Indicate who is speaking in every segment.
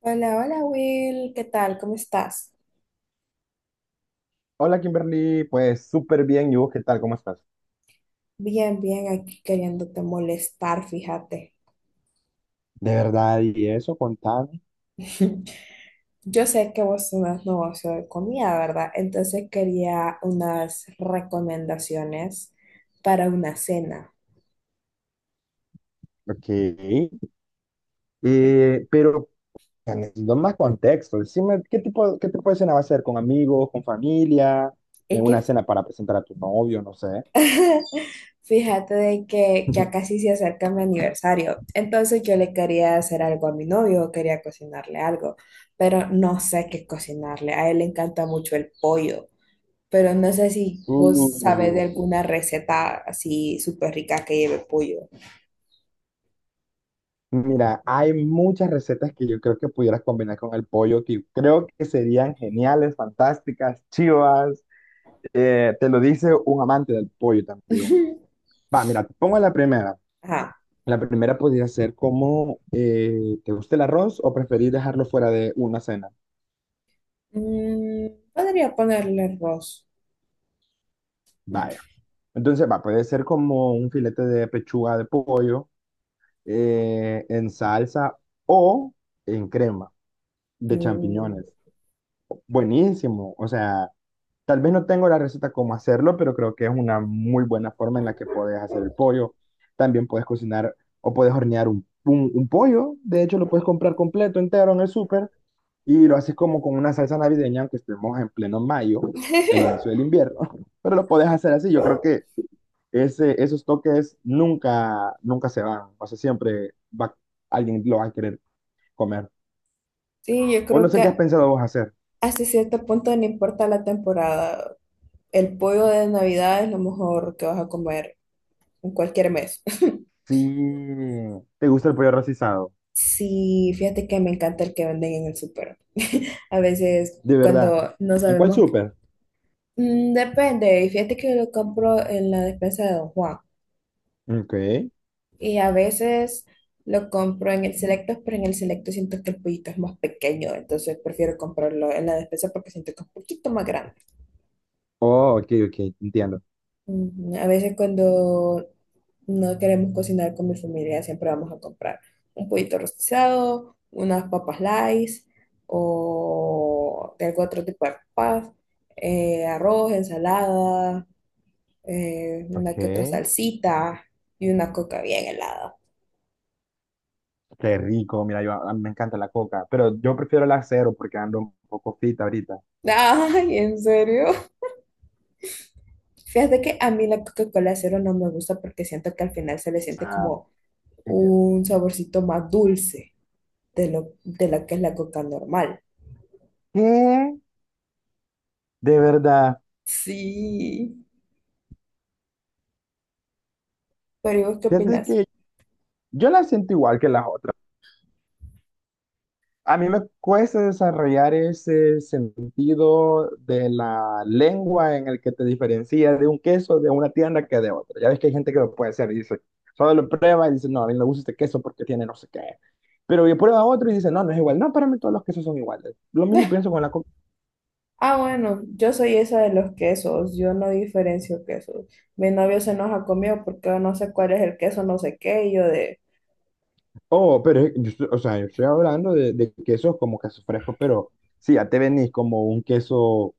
Speaker 1: Hola, hola Will, ¿qué tal? ¿Cómo estás?
Speaker 2: Hola Kimberly, pues súper bien. ¿Y vos qué tal? ¿Cómo estás?
Speaker 1: Bien, bien, aquí queriéndote molestar, fíjate.
Speaker 2: De verdad, y eso, contame.
Speaker 1: Yo sé que vos tenés negocio de comida, ¿verdad? Entonces quería unas recomendaciones para una cena.
Speaker 2: Ok. Eh, pero, Necesito más contexto. Decime, ¿qué tipo de cena va a ser? ¿Con amigos, con familia?
Speaker 1: Es
Speaker 2: ¿En una
Speaker 1: que
Speaker 2: cena para presentar a tu novio? No sé.
Speaker 1: fíjate de que ya casi se acerca mi aniversario, entonces yo le quería hacer algo a mi novio, quería cocinarle algo, pero no sé qué cocinarle. A él le encanta mucho el pollo. Pero no sé si vos sabes de
Speaker 2: uh,
Speaker 1: alguna receta así súper rica que lleve pollo.
Speaker 2: Mira, hay muchas recetas que yo creo que pudieras combinar con el pollo, que creo que serían geniales, fantásticas, chivas. Te lo dice un amante del pollo también. Va, mira, te pongo la primera.
Speaker 1: Ajá.
Speaker 2: La primera podría ser como, ¿te gusta el arroz o preferís dejarlo fuera de una cena?
Speaker 1: Mm, podría ponerle arroz.
Speaker 2: Vaya. Entonces, va, puede ser como un filete de pechuga de pollo en salsa o en crema de
Speaker 1: Mm,
Speaker 2: champiñones. Buenísimo. O sea, tal vez no tengo la receta cómo hacerlo, pero creo que es una muy buena forma en la que puedes hacer el pollo. También puedes cocinar o puedes hornear un pollo. De hecho, lo puedes comprar completo, entero en el súper y lo haces como con una salsa navideña, aunque estemos en pleno mayo, el inicio del invierno, pero lo puedes hacer así. Yo creo que esos toques nunca, nunca se van. O sea, siempre va, alguien lo va a querer comer.
Speaker 1: sí, yo
Speaker 2: O no
Speaker 1: creo
Speaker 2: sé qué
Speaker 1: que
Speaker 2: has pensado vos hacer.
Speaker 1: hasta cierto punto no importa la temporada. El pollo de Navidad es lo mejor que vas a comer en cualquier mes.
Speaker 2: Si te gusta el pollo rostizado,
Speaker 1: Sí, fíjate que me encanta el que venden en el súper. A veces
Speaker 2: de verdad.
Speaker 1: cuando no
Speaker 2: ¿En cuál
Speaker 1: sabemos,
Speaker 2: súper?
Speaker 1: mm, depende. Y fíjate que lo compro en la despensa de Don Juan.
Speaker 2: Ok.
Speaker 1: Y a veces lo compro en el Selecto, pero en el Selecto siento que el pollito es más pequeño, entonces prefiero comprarlo en la despensa porque siento que es un poquito más grande.
Speaker 2: Oh, ok, ok, entiendo.
Speaker 1: Ujú. A veces cuando no queremos cocinar con mi familia, siempre vamos a comprar un pollito rostizado, unas papas Lays o de algún otro tipo de papas, arroz, ensalada,
Speaker 2: Ok,
Speaker 1: una que otra
Speaker 2: qué
Speaker 1: salsita y una coca bien helada.
Speaker 2: rico. Mira, yo a mí me encanta la coca, pero yo prefiero la cero porque ando un poco fit ahorita.
Speaker 1: Ay, ¿en serio? Fíjate que a mí la Coca-Cola cero no me gusta porque siento que al final se le siente
Speaker 2: Ah,
Speaker 1: como
Speaker 2: eh,
Speaker 1: un saborcito más dulce de de la que es la Coca normal.
Speaker 2: ¿Qué? De verdad,
Speaker 1: Sí. Pero ¿y vos qué
Speaker 2: fíjate
Speaker 1: opinas?
Speaker 2: que yo la siento igual que las otras. A mí me cuesta desarrollar ese sentido de la lengua en el que te diferencia de un queso de una tienda que de otra. Ya ves que hay gente que lo puede hacer y dice, solo lo prueba y dice, no, a mí no me gusta este queso porque tiene no sé qué. Pero yo prueba otro y dice, no, no es igual. No, para mí todos los quesos son iguales. Lo mismo pienso con la comida.
Speaker 1: Ah, bueno, yo soy esa de los quesos, yo no diferencio quesos. Mi novio se enoja conmigo porque yo no sé cuál es el queso, no sé qué, y yo de...
Speaker 2: Oh, pero, o sea, yo estoy hablando de, quesos como quesos frescos, pero sí, ya te venís como un queso.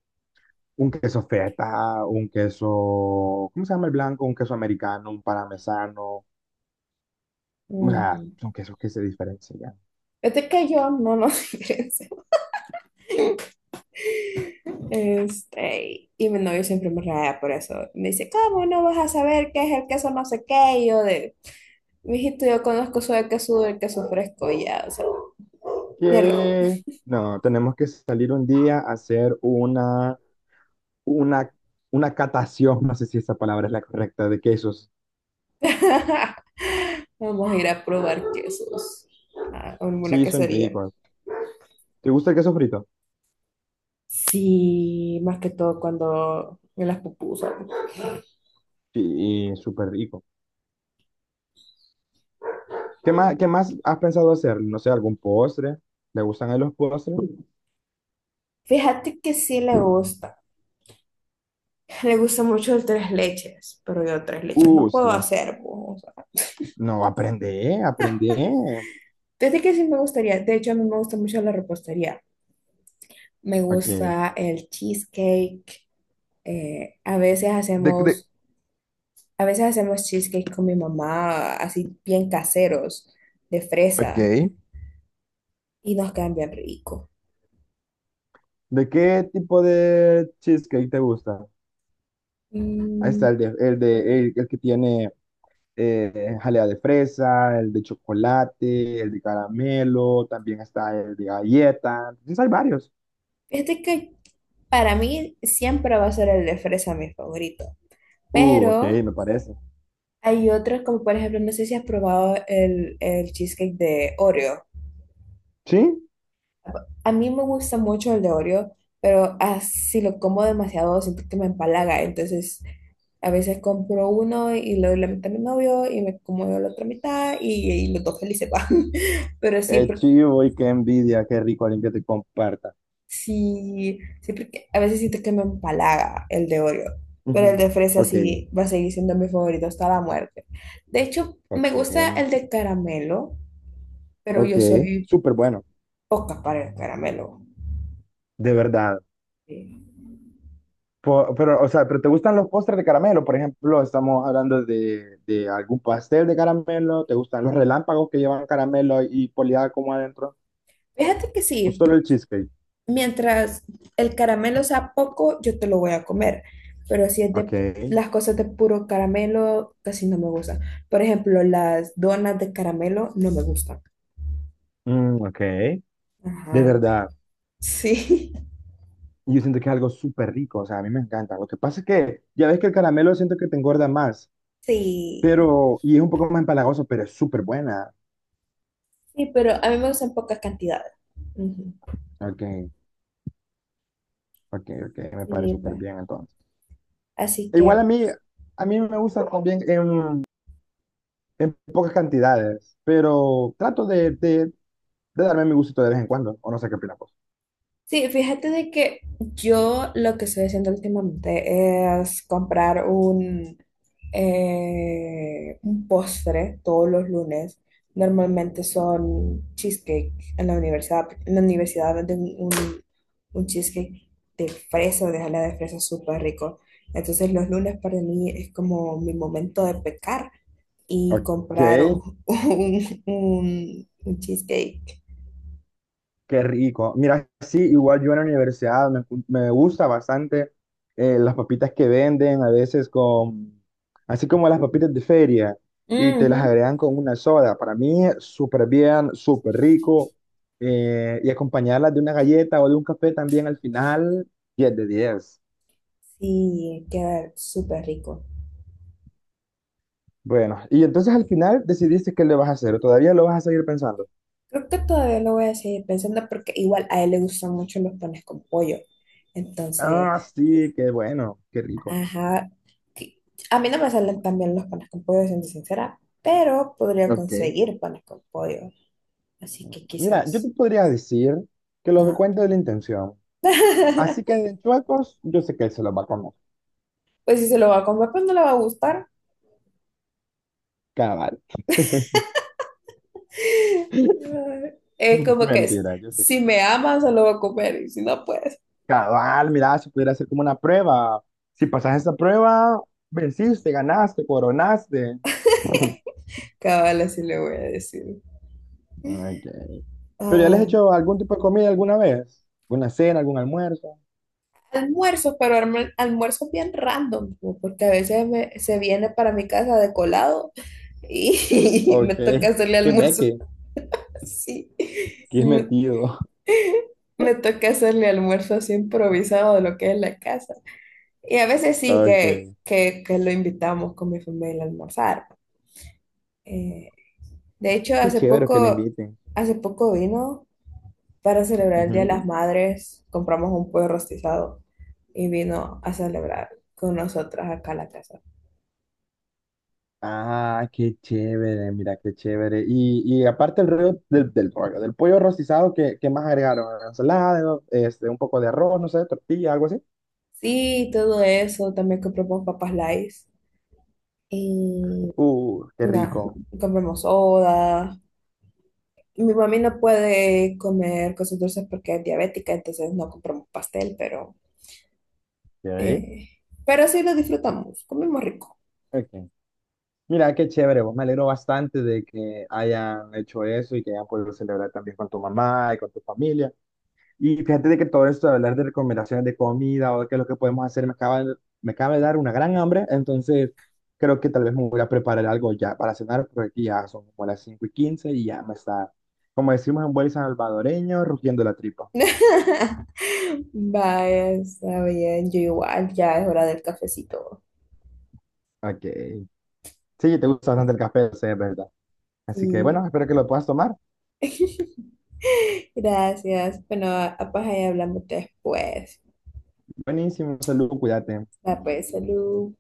Speaker 2: Un queso feta, un queso, ¿cómo se llama el blanco? Un queso americano, un parmesano, o sea,
Speaker 1: "Ujú".
Speaker 2: son quesos que se diferencian.
Speaker 1: Es que yo no nos diferencio. Este, y mi novio siempre me raya por eso. Me dice, ¿cómo no vas a saber qué es el queso no sé qué? Y yo de, mijito, yo conozco solo el queso duro, el queso fresco y ya, o sea, mierda.
Speaker 2: Que no, tenemos que salir un día a hacer una, una catación, no sé si esa palabra es la correcta, de quesos.
Speaker 1: Vamos a ir a probar quesos a alguna
Speaker 2: Sí, son
Speaker 1: quesería.
Speaker 2: ricos. ¿Te gusta el queso frito?
Speaker 1: Sí, más que todo cuando en las pupusas.
Speaker 2: Sí, súper rico. ¿Qué más has pensado hacer? No sé, algún postre. ¿Le gustan a él los postres?
Speaker 1: Fíjate que sí le gusta. Le gusta mucho el tres leches, pero yo tres leches no puedo
Speaker 2: Sí.
Speaker 1: hacer. Po, o sea.
Speaker 2: No, aprende, aprende.
Speaker 1: Fíjate que sí me gustaría. De hecho, a mí me gusta mucho la repostería. Me
Speaker 2: Ok.
Speaker 1: gusta el cheesecake. eh, a veces
Speaker 2: ¿De
Speaker 1: hacemos, a veces hacemos cheesecake con mi mamá, así bien caseros, de fresa,
Speaker 2: Ok.
Speaker 1: y nos quedan bien rico.
Speaker 2: ¿De qué tipo de cheesecake te gusta? Ahí
Speaker 1: Mm,
Speaker 2: está el que tiene jalea de fresa, el de chocolate, el de caramelo, también está el de galleta. Entonces hay varios.
Speaker 1: fíjate que para mí siempre va a ser el de fresa mi favorito,
Speaker 2: Ok,
Speaker 1: pero
Speaker 2: me parece.
Speaker 1: hay otros como por ejemplo, no sé si has probado el cheesecake de Oreo.
Speaker 2: ¿Sí?
Speaker 1: A mí me gusta mucho el de Oreo, pero así si lo como demasiado siento que me empalaga, entonces... A veces compro uno y le doy la mitad a mi novio y me como yo la otra mitad y los dos felices van. Pero sí,
Speaker 2: Qué chivo y qué envidia, qué rico alguien que te comparta.
Speaker 1: sí, sí, porque a veces siento que me empalaga el de Oreo. Pero el
Speaker 2: Ujú.
Speaker 1: de fresa
Speaker 2: Ok,
Speaker 1: sí va a seguir siendo mi favorito hasta la muerte. De hecho, me
Speaker 2: ok,
Speaker 1: gusta el de caramelo, pero
Speaker 2: ok.
Speaker 1: yo soy
Speaker 2: Súper bueno,
Speaker 1: poca para el caramelo.
Speaker 2: de verdad.
Speaker 1: Sí.
Speaker 2: Pero, o sea, pero ¿te gustan los postres de caramelo? Por ejemplo, estamos hablando de, algún pastel de caramelo. ¿Te gustan los relámpagos que llevan caramelo y poleada como adentro?
Speaker 1: Fíjate que
Speaker 2: ¿O
Speaker 1: sí.
Speaker 2: solo el cheesecake?
Speaker 1: Mientras el caramelo sea poco, yo te lo voy a comer. Pero si es de
Speaker 2: Ok.
Speaker 1: las cosas de puro caramelo, casi no me gustan. Por ejemplo, las donas de caramelo no me gustan.
Speaker 2: Mm, ok. De
Speaker 1: Ajá.
Speaker 2: verdad.
Speaker 1: Sí.
Speaker 2: Yo siento que es algo súper rico. O sea, a mí me encanta. Lo que pasa es que ya ves que el caramelo siento que te engorda más.
Speaker 1: Sí.
Speaker 2: Pero, y es un poco más empalagoso, pero es súper buena.
Speaker 1: Sí, pero a mí me gustan pocas cantidades. Ujú.
Speaker 2: Ok, ok, ok. Me parece
Speaker 1: Sí, pa.
Speaker 2: súper bien entonces.
Speaker 1: Así
Speaker 2: Igual
Speaker 1: que
Speaker 2: a mí me gusta también, en pocas cantidades, pero trato de darme mi gustito de vez en cuando, o no sé qué opinas vos.
Speaker 1: sí, fíjate de que yo lo que estoy haciendo últimamente es comprar un postre todos los lunes. Normalmente son cheesecake en la universidad. En la universidad venden un cheesecake de fresa, de jalea de fresa súper rico. Entonces los lunes para mí es como mi momento de pecar y
Speaker 2: Ok,
Speaker 1: comprar un cheesecake.
Speaker 2: qué rico. Mira, sí, igual yo en la universidad me gusta bastante las papitas que venden, a veces con, así como las papitas de feria, y te las
Speaker 1: Ujú.
Speaker 2: agregan con una soda. Para mí, súper bien, súper rico. Y acompañarlas de una galleta o de un café también al final, 10 de 10.
Speaker 1: Sí, queda súper rico.
Speaker 2: Bueno, y entonces al final decidiste qué le vas a hacer, ¿o todavía lo vas a seguir pensando?
Speaker 1: Creo que todavía lo voy a seguir pensando porque igual a él le gustan mucho los panes con pollo.
Speaker 2: Ah,
Speaker 1: Entonces,
Speaker 2: sí, qué bueno, qué rico.
Speaker 1: ajá. Que- A mí no me salen tan bien los panes con pollo, siendo sincera, pero podría
Speaker 2: Ok.
Speaker 1: conseguir panes con pollo. Así que
Speaker 2: Mira, yo te
Speaker 1: quizás.
Speaker 2: podría decir que lo que
Speaker 1: Ajá.
Speaker 2: cuenta es la intención. Así que de chuecos, yo sé que él se los va a comer.
Speaker 1: Pues si se lo va a comer, pues no le va a gustar.
Speaker 2: Cabal.
Speaker 1: Es como que es,
Speaker 2: Mentira, yo sé.
Speaker 1: si
Speaker 2: Que-
Speaker 1: me ama, se lo va a comer y si no, pues
Speaker 2: Cabal, mira, si pudiera hacer como una prueba. Si pasas esa prueba, venciste, ganaste, coronaste.
Speaker 1: cabal, así le voy a decir.
Speaker 2: Ok. ¿Pero ya les he hecho algún tipo de comida alguna vez? ¿Una cena, algún almuerzo?
Speaker 1: Almuerzos, pero almuerzos bien random, como porque a veces se viene para mi casa de colado y me
Speaker 2: Ok.
Speaker 1: toca hacerle
Speaker 2: ¿Qué
Speaker 1: almuerzo
Speaker 2: ve?
Speaker 1: así.
Speaker 2: Qué
Speaker 1: Me,
Speaker 2: metido.
Speaker 1: me toca hacerle almuerzo así improvisado de lo que es la casa. Y a veces sí
Speaker 2: Ok.
Speaker 1: que lo invitamos con mi familia a almorzar. Eh, de hecho,
Speaker 2: Qué chévere que le inviten.
Speaker 1: hace poco vino para celebrar el Día de
Speaker 2: Ujú.
Speaker 1: las Madres, compramos un pollo rostizado y vino a celebrar con nosotras acá a la casa.
Speaker 2: Ah, qué chévere, mira, qué chévere. Y aparte el rollo del pollo rostizado, ¿qué más agregaron? Ensalada, este, un poco de arroz, no sé, tortilla, algo así.
Speaker 1: Sí, todo eso. También compramos papas Lays. Y
Speaker 2: Qué
Speaker 1: nada,
Speaker 2: rico.
Speaker 1: compramos soda. Mi mami no puede comer cosas dulces porque es diabética, entonces no compramos pastel,
Speaker 2: Ok.
Speaker 1: eh, pero sí lo disfrutamos. Comemos rico.
Speaker 2: Ok. Mira, qué chévere, vos me alegro bastante de que hayan hecho eso y que hayan podido celebrar también con tu mamá y con tu familia. Y fíjate de que todo esto de hablar de recomendaciones de comida o de qué es lo que podemos hacer, me acaba de dar una gran hambre, entonces creo que tal vez me voy a preparar algo ya para cenar, porque aquí ya son como las 5:15 y ya me está, como decimos en buen salvadoreño, rugiendo la tripa.
Speaker 1: Vaya, está bien. Yo igual, ya es hora del cafecito.
Speaker 2: Ok. Sí, te gusta bastante el café, sé, es verdad. Así que bueno,
Speaker 1: Sí,
Speaker 2: espero que lo puedas tomar.
Speaker 1: gracias. Bueno, pues ahí hablamos después.
Speaker 2: Buenísimo, salud, cuídate.
Speaker 1: Va, pues, salud.